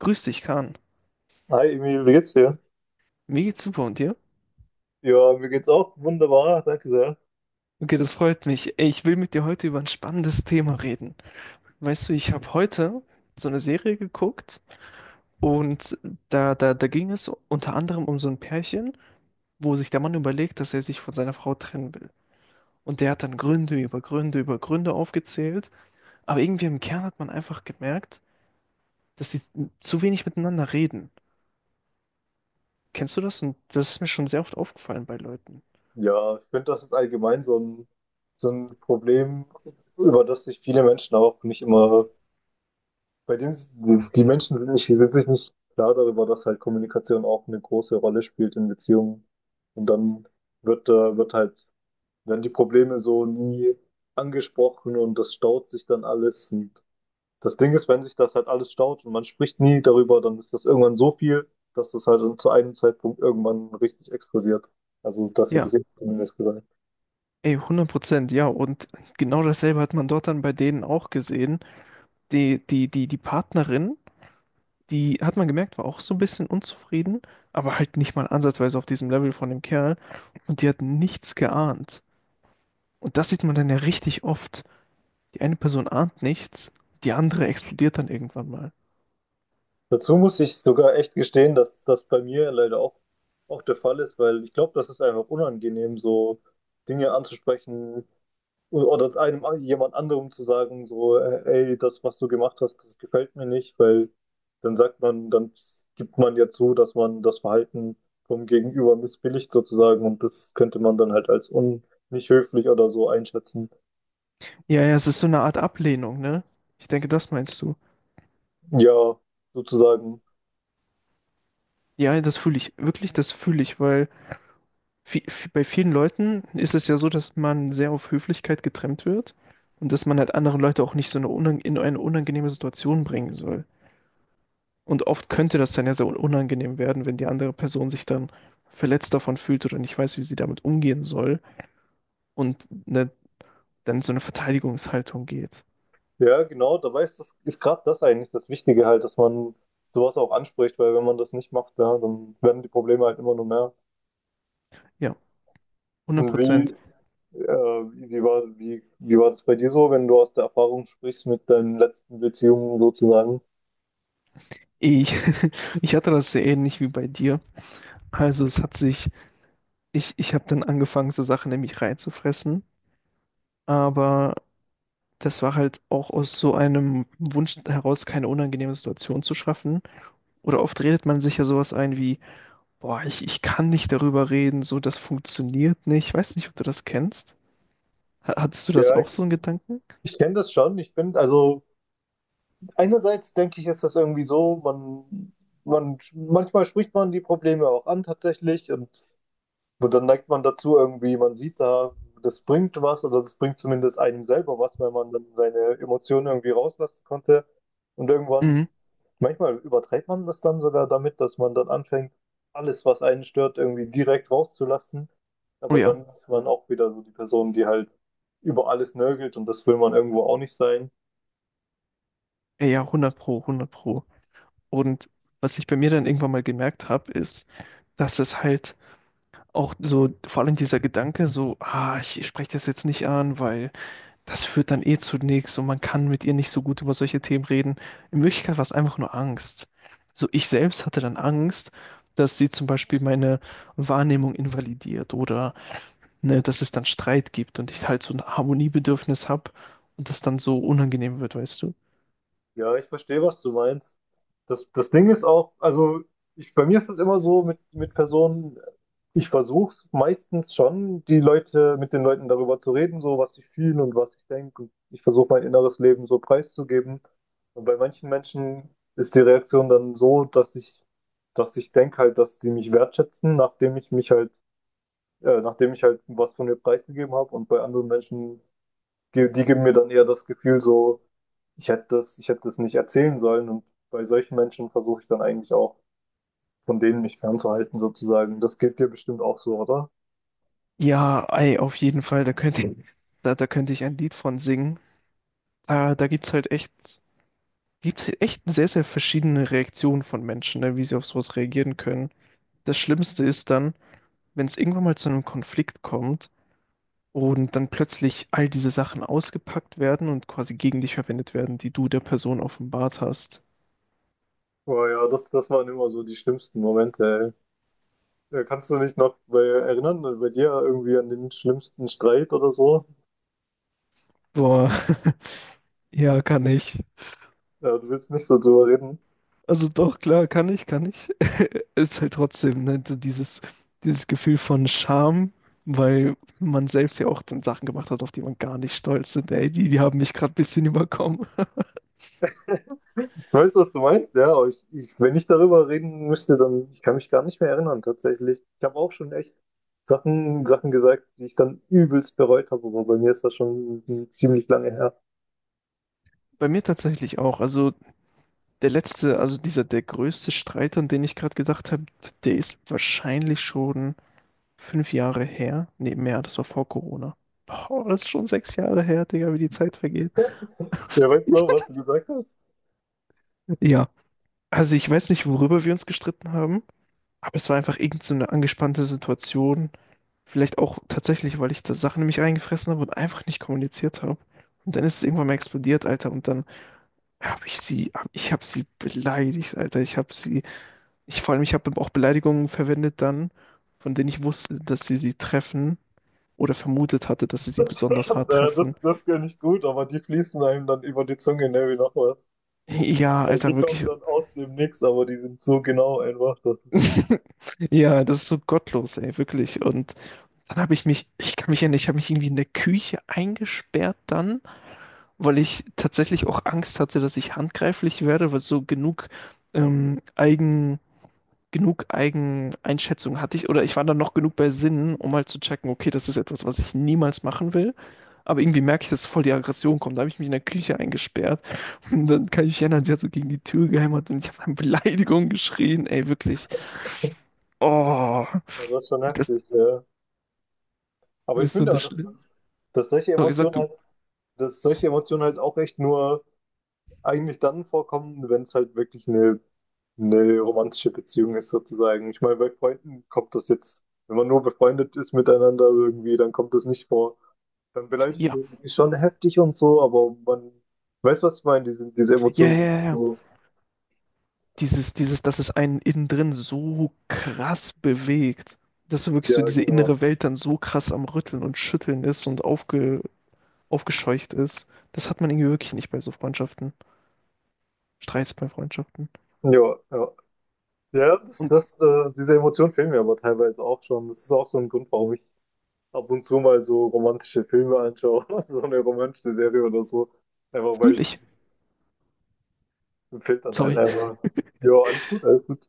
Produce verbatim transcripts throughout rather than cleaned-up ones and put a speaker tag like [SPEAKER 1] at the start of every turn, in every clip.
[SPEAKER 1] Grüß dich, Kahn.
[SPEAKER 2] Hi Emil, wie geht's dir?
[SPEAKER 1] Mir geht's super und dir?
[SPEAKER 2] Ja, mir geht's auch wunderbar, danke sehr.
[SPEAKER 1] Okay, das freut mich. Ey, ich will mit dir heute über ein spannendes Thema reden. Weißt du, ich habe heute so eine Serie geguckt und da, da, da ging es unter anderem um so ein Pärchen, wo sich der Mann überlegt, dass er sich von seiner Frau trennen will. Und der hat dann Gründe über Gründe über Gründe aufgezählt, aber irgendwie im Kern hat man einfach gemerkt, dass sie zu wenig miteinander reden. Kennst du das? Und das ist mir schon sehr oft aufgefallen bei Leuten.
[SPEAKER 2] Ja, ich finde, das ist allgemein so ein, so ein Problem, über das sich viele Menschen auch nicht immer, bei dem s- die Menschen sind nicht, sind sich nicht klar darüber, dass halt Kommunikation auch eine große Rolle spielt in Beziehungen. Und dann wird, äh, wird halt, werden die Probleme so nie angesprochen und das staut sich dann alles. Und Das Ding ist, wenn sich das halt alles staut und man spricht nie darüber, dann ist das irgendwann so viel, dass das halt zu einem Zeitpunkt irgendwann richtig explodiert. Also das hätte ich
[SPEAKER 1] Ja.
[SPEAKER 2] jetzt zumindest gesagt.
[SPEAKER 1] Ey, hundert Prozent, ja. Und genau dasselbe hat man dort dann bei denen auch gesehen. Die, die, die, die Partnerin, die hat man gemerkt, war auch so ein bisschen unzufrieden, aber halt nicht mal ansatzweise auf diesem Level von dem Kerl. Und die hat nichts geahnt. Und das sieht man dann ja richtig oft. Die eine Person ahnt nichts, die andere explodiert dann irgendwann mal.
[SPEAKER 2] Dazu muss ich sogar echt gestehen, dass das bei mir leider auch, auch der Fall ist, weil ich glaube, das ist einfach unangenehm, so Dinge anzusprechen, oder einem jemand anderem zu sagen, so, äh, ey, das, was du gemacht hast, das gefällt mir nicht, weil dann sagt man, dann gibt man ja zu, dass man das Verhalten vom Gegenüber missbilligt sozusagen und das könnte man dann halt als un nicht höflich oder so einschätzen.
[SPEAKER 1] Ja, ja, es ist so eine Art Ablehnung, ne? Ich denke, das meinst du.
[SPEAKER 2] Ja, sozusagen.
[SPEAKER 1] Ja, das fühle ich, wirklich, das fühle ich, weil vi- vi- bei vielen Leuten ist es ja so, dass man sehr auf Höflichkeit getrimmt wird und dass man halt andere Leute auch nicht so eine unang in eine unangenehme Situation bringen soll. Und oft könnte das dann ja sehr unangenehm werden, wenn die andere Person sich dann verletzt davon fühlt oder nicht weiß, wie sie damit umgehen soll und, ne, dann so eine Verteidigungshaltung geht.
[SPEAKER 2] Ja, genau, da ist das ist gerade das eigentlich das Wichtige halt, dass man sowas auch anspricht, weil wenn man das nicht macht, ja, dann werden die Probleme halt immer nur mehr.
[SPEAKER 1] Ja, hundert
[SPEAKER 2] Und
[SPEAKER 1] Prozent.
[SPEAKER 2] wie, Äh, wie, wie war, wie, wie war das bei dir so, wenn du aus der Erfahrung sprichst mit deinen letzten Beziehungen sozusagen?
[SPEAKER 1] Ich, ich hatte das sehr ähnlich wie bei dir. Also es hat sich, ich, ich habe dann angefangen, so Sachen nämlich reinzufressen. Aber das war halt auch aus so einem Wunsch heraus, keine unangenehme Situation zu schaffen. Oder oft redet man sich ja sowas ein wie, boah, ich, ich kann nicht darüber reden, so, das funktioniert nicht. Ich weiß nicht, ob du das kennst. Ha- Hattest du das
[SPEAKER 2] Ja, ich,
[SPEAKER 1] auch, so einen Gedanken?
[SPEAKER 2] ich kenne das schon. Ich bin, also einerseits denke ich, ist das irgendwie so, man, man, manchmal spricht man die Probleme auch an tatsächlich und, dann neigt man dazu irgendwie, man sieht da, das bringt was oder das bringt zumindest einem selber was, wenn man dann seine Emotionen irgendwie rauslassen konnte. Und irgendwann
[SPEAKER 1] Mhm.
[SPEAKER 2] Manchmal übertreibt man das dann sogar damit, dass man dann anfängt, alles, was einen stört, irgendwie direkt rauszulassen.
[SPEAKER 1] Oh
[SPEAKER 2] Aber
[SPEAKER 1] ja,
[SPEAKER 2] dann ist man auch wieder so die Person, die halt über alles nörgelt und das will man irgendwo auch nicht sein.
[SPEAKER 1] ja, ja, hundert Pro, hundert Pro. Und was ich bei mir dann irgendwann mal gemerkt habe, ist, dass es halt auch so, vor allem dieser Gedanke, so, ah, ich spreche das jetzt nicht an, weil das führt dann eh zu nichts und man kann mit ihr nicht so gut über solche Themen reden. In Wirklichkeit war es einfach nur Angst. So, ich selbst hatte dann Angst, dass sie zum Beispiel meine Wahrnehmung invalidiert oder, ne, dass es dann Streit gibt und ich halt so ein Harmoniebedürfnis habe und das dann so unangenehm wird, weißt du?
[SPEAKER 2] Ja, ich verstehe, was du meinst. Das, das Ding ist auch, also ich, bei mir ist es immer so mit, mit Personen, ich versuche meistens schon, die Leute, mit den Leuten darüber zu reden, so was ich fühle und was ich denke. Und ich versuche mein inneres Leben so preiszugeben. Und bei manchen Menschen ist die Reaktion dann so, dass ich, dass ich denke halt, dass die mich wertschätzen, nachdem ich mich halt, äh, nachdem ich halt was von mir preisgegeben habe. Und bei anderen Menschen ge- die geben mir dann eher das Gefühl so, ich hätte das, ich hätte das nicht erzählen sollen. Und bei solchen Menschen versuche ich dann eigentlich auch, von denen mich fernzuhalten, sozusagen. Das geht dir bestimmt auch so, oder?
[SPEAKER 1] Ja, ey, auf jeden Fall, da könnte ich, da, da könnte ich ein Lied von singen. Da, da gibt's halt echt, gibt's halt echt sehr, sehr verschiedene Reaktionen von Menschen, ne, wie sie auf sowas reagieren können. Das Schlimmste ist dann, wenn es irgendwann mal zu einem Konflikt kommt und dann plötzlich all diese Sachen ausgepackt werden und quasi gegen dich verwendet werden, die du der Person offenbart hast.
[SPEAKER 2] Aber ja, das, das waren immer so die schlimmsten Momente, ey. Äh, Kannst du dich noch bei, erinnern, äh, bei dir irgendwie an den schlimmsten Streit oder so?
[SPEAKER 1] Boah, ja, kann ich.
[SPEAKER 2] Ja, du willst nicht so drüber reden.
[SPEAKER 1] Also doch, klar, kann ich, kann ich. Ist halt trotzdem, ne, so dieses, dieses Gefühl von Scham, weil man selbst ja auch dann Sachen gemacht hat, auf die man gar nicht stolz ist. Ey, die, die haben mich gerade ein bisschen überkommen.
[SPEAKER 2] Ich weiß, was du meinst, ja, aber ich, ich, wenn ich darüber reden müsste, dann ich kann mich gar nicht mehr erinnern, tatsächlich. Ich habe auch schon echt Sachen, Sachen gesagt, die ich dann übelst bereut habe, aber bei mir ist das schon ziemlich lange her.
[SPEAKER 1] Bei mir tatsächlich auch. Also der letzte, also dieser, der größte Streit, an den ich gerade gedacht habe, der ist wahrscheinlich schon fünf Jahre her. Nee, mehr, das war vor Corona. Boah, das ist schon sechs Jahre her, Digga, wie die Zeit vergeht.
[SPEAKER 2] Ja, weißt du noch, was du gesagt hast?
[SPEAKER 1] Ja, also ich weiß nicht, worüber wir uns gestritten haben, aber es war einfach irgend so eine angespannte Situation. Vielleicht auch tatsächlich, weil ich da Sachen in mich reingefressen habe und einfach nicht kommuniziert habe. Und dann ist es irgendwann mal explodiert, Alter. Und dann habe ich sie, hab, ich habe sie beleidigt, Alter. Ich habe sie, ich vor allem, ich habe auch Beleidigungen verwendet dann, von denen ich wusste, dass sie sie treffen oder vermutet hatte, dass sie sie besonders hart
[SPEAKER 2] Äh, das,
[SPEAKER 1] treffen.
[SPEAKER 2] das kann ich gut, aber die fließen einem dann über die Zunge, ne, wie noch was.
[SPEAKER 1] Ja,
[SPEAKER 2] Äh,
[SPEAKER 1] Alter,
[SPEAKER 2] Die kommen
[SPEAKER 1] wirklich.
[SPEAKER 2] dann aus dem Nix, aber die sind so genau einfach. Das ist,
[SPEAKER 1] Ja, das ist so gottlos, ey, wirklich. Und dann habe ich mich, ich kann mich erinnern, ich habe mich irgendwie in der Küche eingesperrt dann, weil ich tatsächlich auch Angst hatte, dass ich handgreiflich werde, weil so genug ähm, genug Eigeneinschätzung hatte ich, oder ich war dann noch genug bei Sinnen, um halt zu checken, okay, das ist etwas, was ich niemals machen will. Aber irgendwie merke ich, dass voll die Aggression kommt. Da habe ich mich in der Küche eingesperrt. Und dann kann ich mich erinnern, sie hat so gegen die Tür gehämmert und ich habe dann Beleidigungen geschrien. Ey, wirklich. Oh,
[SPEAKER 2] ja, das ist schon
[SPEAKER 1] das
[SPEAKER 2] heftig, ja. Aber ich
[SPEAKER 1] ist so
[SPEAKER 2] finde,
[SPEAKER 1] das
[SPEAKER 2] dass,
[SPEAKER 1] Schlimme.
[SPEAKER 2] dass solche
[SPEAKER 1] Sorry, sag
[SPEAKER 2] Emotionen
[SPEAKER 1] du.
[SPEAKER 2] halt, dass solche Emotionen halt auch echt nur eigentlich dann vorkommen, wenn es halt wirklich eine, eine romantische Beziehung ist, sozusagen. Ich meine, bei Freunden kommt das jetzt, wenn man nur befreundet ist miteinander irgendwie, dann kommt das nicht vor. Dann beleidigt
[SPEAKER 1] Ja,
[SPEAKER 2] man sich schon heftig und so, aber man weiß, was ich meine, diese, diese
[SPEAKER 1] ja,
[SPEAKER 2] Emotionen
[SPEAKER 1] ja,
[SPEAKER 2] sind
[SPEAKER 1] ja.
[SPEAKER 2] nicht
[SPEAKER 1] ja.
[SPEAKER 2] so.
[SPEAKER 1] Dieses, dieses, dass es einen innen drin so krass bewegt. Dass so wirklich so
[SPEAKER 2] Ja,
[SPEAKER 1] diese innere
[SPEAKER 2] genau.
[SPEAKER 1] Welt dann so krass am Rütteln und Schütteln ist und aufge, aufgescheucht ist. Das hat man irgendwie wirklich nicht bei so Freundschaften, Streits bei Freundschaften.
[SPEAKER 2] Ja, ja. Ja, das,
[SPEAKER 1] Und
[SPEAKER 2] das, äh, diese Emotionen fehlen mir aber teilweise auch schon. Das ist auch so ein Grund, warum ich ab und zu mal so romantische Filme anschaue, so eine romantische Serie oder so. Einfach weil
[SPEAKER 1] fühle
[SPEAKER 2] es
[SPEAKER 1] ich,
[SPEAKER 2] fehlt dann halt
[SPEAKER 1] sorry,
[SPEAKER 2] einfach. Also, ja, alles gut, alles gut.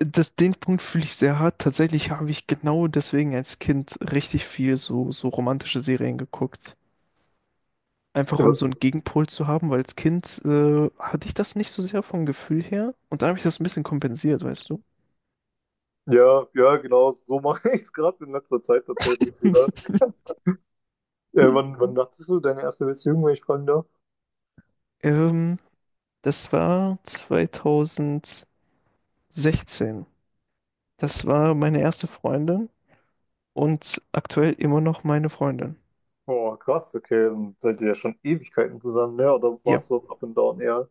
[SPEAKER 1] das, den Punkt fühle ich sehr hart. Tatsächlich habe ich genau deswegen als Kind richtig viel so, so romantische Serien geguckt. Einfach
[SPEAKER 2] ja,
[SPEAKER 1] um
[SPEAKER 2] was,
[SPEAKER 1] so einen Gegenpol zu haben, weil als Kind äh, hatte ich das nicht so sehr vom Gefühl her. Und da habe ich das ein bisschen kompensiert, weißt du?
[SPEAKER 2] Ja, ja, genau, so mache ich es gerade in letzter Zeit tatsächlich wieder. Äh, wann, wann dachtest du deine erste Beziehung, wenn ich fragen darf?
[SPEAKER 1] ähm, das war zwanzig sechzehn. Das war meine erste Freundin, und aktuell immer noch meine Freundin.
[SPEAKER 2] Oh, krass, okay, dann seid ihr ja schon Ewigkeiten zusammen, ne? Oder war
[SPEAKER 1] Ja,
[SPEAKER 2] es so up and down eher?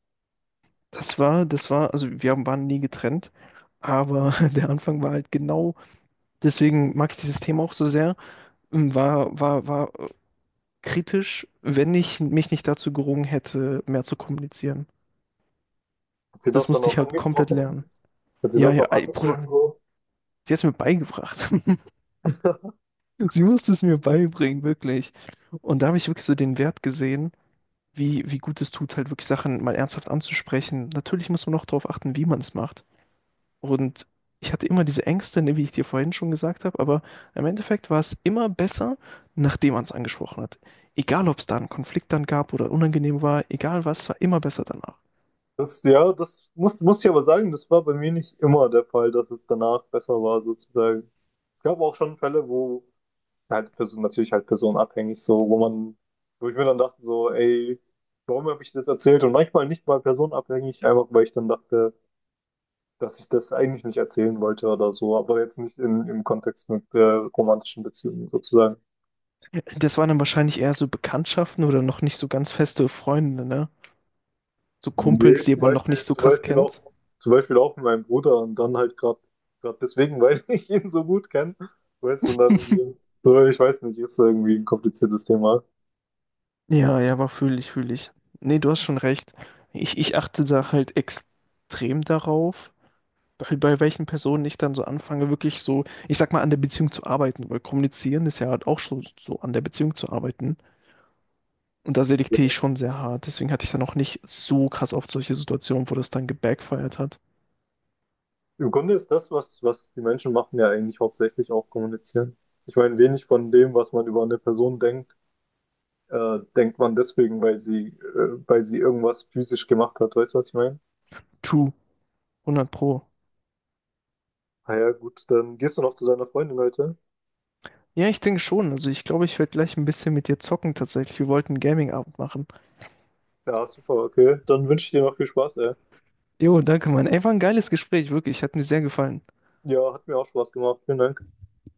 [SPEAKER 1] das war, das war, also wir haben- waren nie getrennt, aber der Anfang war halt, genau, deswegen mag ich dieses Thema auch so sehr, war, war, war äh, kritisch, wenn ich mich nicht dazu gerungen hätte, mehr zu kommunizieren.
[SPEAKER 2] Hat sie das
[SPEAKER 1] Das
[SPEAKER 2] dann
[SPEAKER 1] musste ich
[SPEAKER 2] auch
[SPEAKER 1] halt komplett lernen.
[SPEAKER 2] angesprochen? Hat sie
[SPEAKER 1] Ja,
[SPEAKER 2] das
[SPEAKER 1] ja,
[SPEAKER 2] auch
[SPEAKER 1] ey, Bruder,
[SPEAKER 2] angesprochen so?
[SPEAKER 1] sie hat es mir beigebracht. Sie musste es mir beibringen, wirklich. Und da habe ich wirklich so den Wert gesehen, wie, wie gut es tut, halt wirklich Sachen mal ernsthaft anzusprechen. Natürlich muss man auch darauf achten, wie man es macht. Und ich hatte immer diese Ängste, ne, wie ich dir vorhin schon gesagt habe, aber im Endeffekt war es immer besser, nachdem man es angesprochen hat. Egal, ob es da einen Konflikt dann gab oder unangenehm war, egal was, war immer besser danach.
[SPEAKER 2] Das, ja, das muss, muss ich aber sagen, das war bei mir nicht immer der Fall, dass es danach besser war, sozusagen. Es gab auch schon Fälle, wo halt Person, natürlich halt personenabhängig, so, wo man, wo ich mir dann dachte, so, ey, warum habe ich das erzählt? Und manchmal nicht mal personenabhängig, einfach weil ich dann dachte, dass ich das eigentlich nicht erzählen wollte oder so, aber jetzt nicht in, im Kontext mit äh, romantischen Beziehungen sozusagen.
[SPEAKER 1] Das waren dann wahrscheinlich eher so Bekanntschaften oder noch nicht so ganz feste Freunde, ne? So
[SPEAKER 2] Nee,
[SPEAKER 1] Kumpels, die
[SPEAKER 2] zum
[SPEAKER 1] man noch
[SPEAKER 2] Beispiel,
[SPEAKER 1] nicht so
[SPEAKER 2] zum
[SPEAKER 1] krass
[SPEAKER 2] Beispiel auch,
[SPEAKER 1] kennt.
[SPEAKER 2] zum Beispiel auch mit meinem Bruder und dann halt gerade gerade deswegen, weil ich ihn so gut kenne, weißt du, und dann, so, ich weiß nicht, ist irgendwie ein kompliziertes Thema.
[SPEAKER 1] Ja, ja, aber fühle ich, fühle ich. Nee, du hast schon recht. Ich, ich achte da halt extrem darauf, bei, bei welchen Personen ich dann so anfange, wirklich so, ich sag mal, an der Beziehung zu arbeiten, weil kommunizieren ist ja halt auch schon so an der Beziehung zu arbeiten. Und da selektiere ich schon sehr hart. Deswegen hatte ich dann auch nicht so krass auf solche Situationen, wo das dann gebackfired hat.
[SPEAKER 2] Im Grunde ist das, was, was die Menschen machen, ja eigentlich hauptsächlich auch kommunizieren. Ich meine, wenig von dem, was man über eine Person denkt, äh, denkt man deswegen, weil sie, äh, weil sie irgendwas physisch gemacht hat. Weißt du, was ich meine?
[SPEAKER 1] True, hundert Pro.
[SPEAKER 2] Ah ja, gut, dann gehst du noch zu seiner Freundin heute.
[SPEAKER 1] Ja, ich denke schon. Also ich glaube, ich werde gleich ein bisschen mit dir zocken tatsächlich. Wir wollten einen Gaming-Abend machen.
[SPEAKER 2] Ja, super, okay. Dann wünsche ich dir noch viel Spaß, ey.
[SPEAKER 1] Jo, danke, Mann. Ey, war ein geiles Gespräch, wirklich. Hat mir sehr gefallen.
[SPEAKER 2] Ja, hat mir auch Spaß gemacht. Vielen Dank.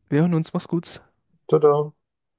[SPEAKER 1] Wir hören uns. Mach's gut.
[SPEAKER 2] Tada.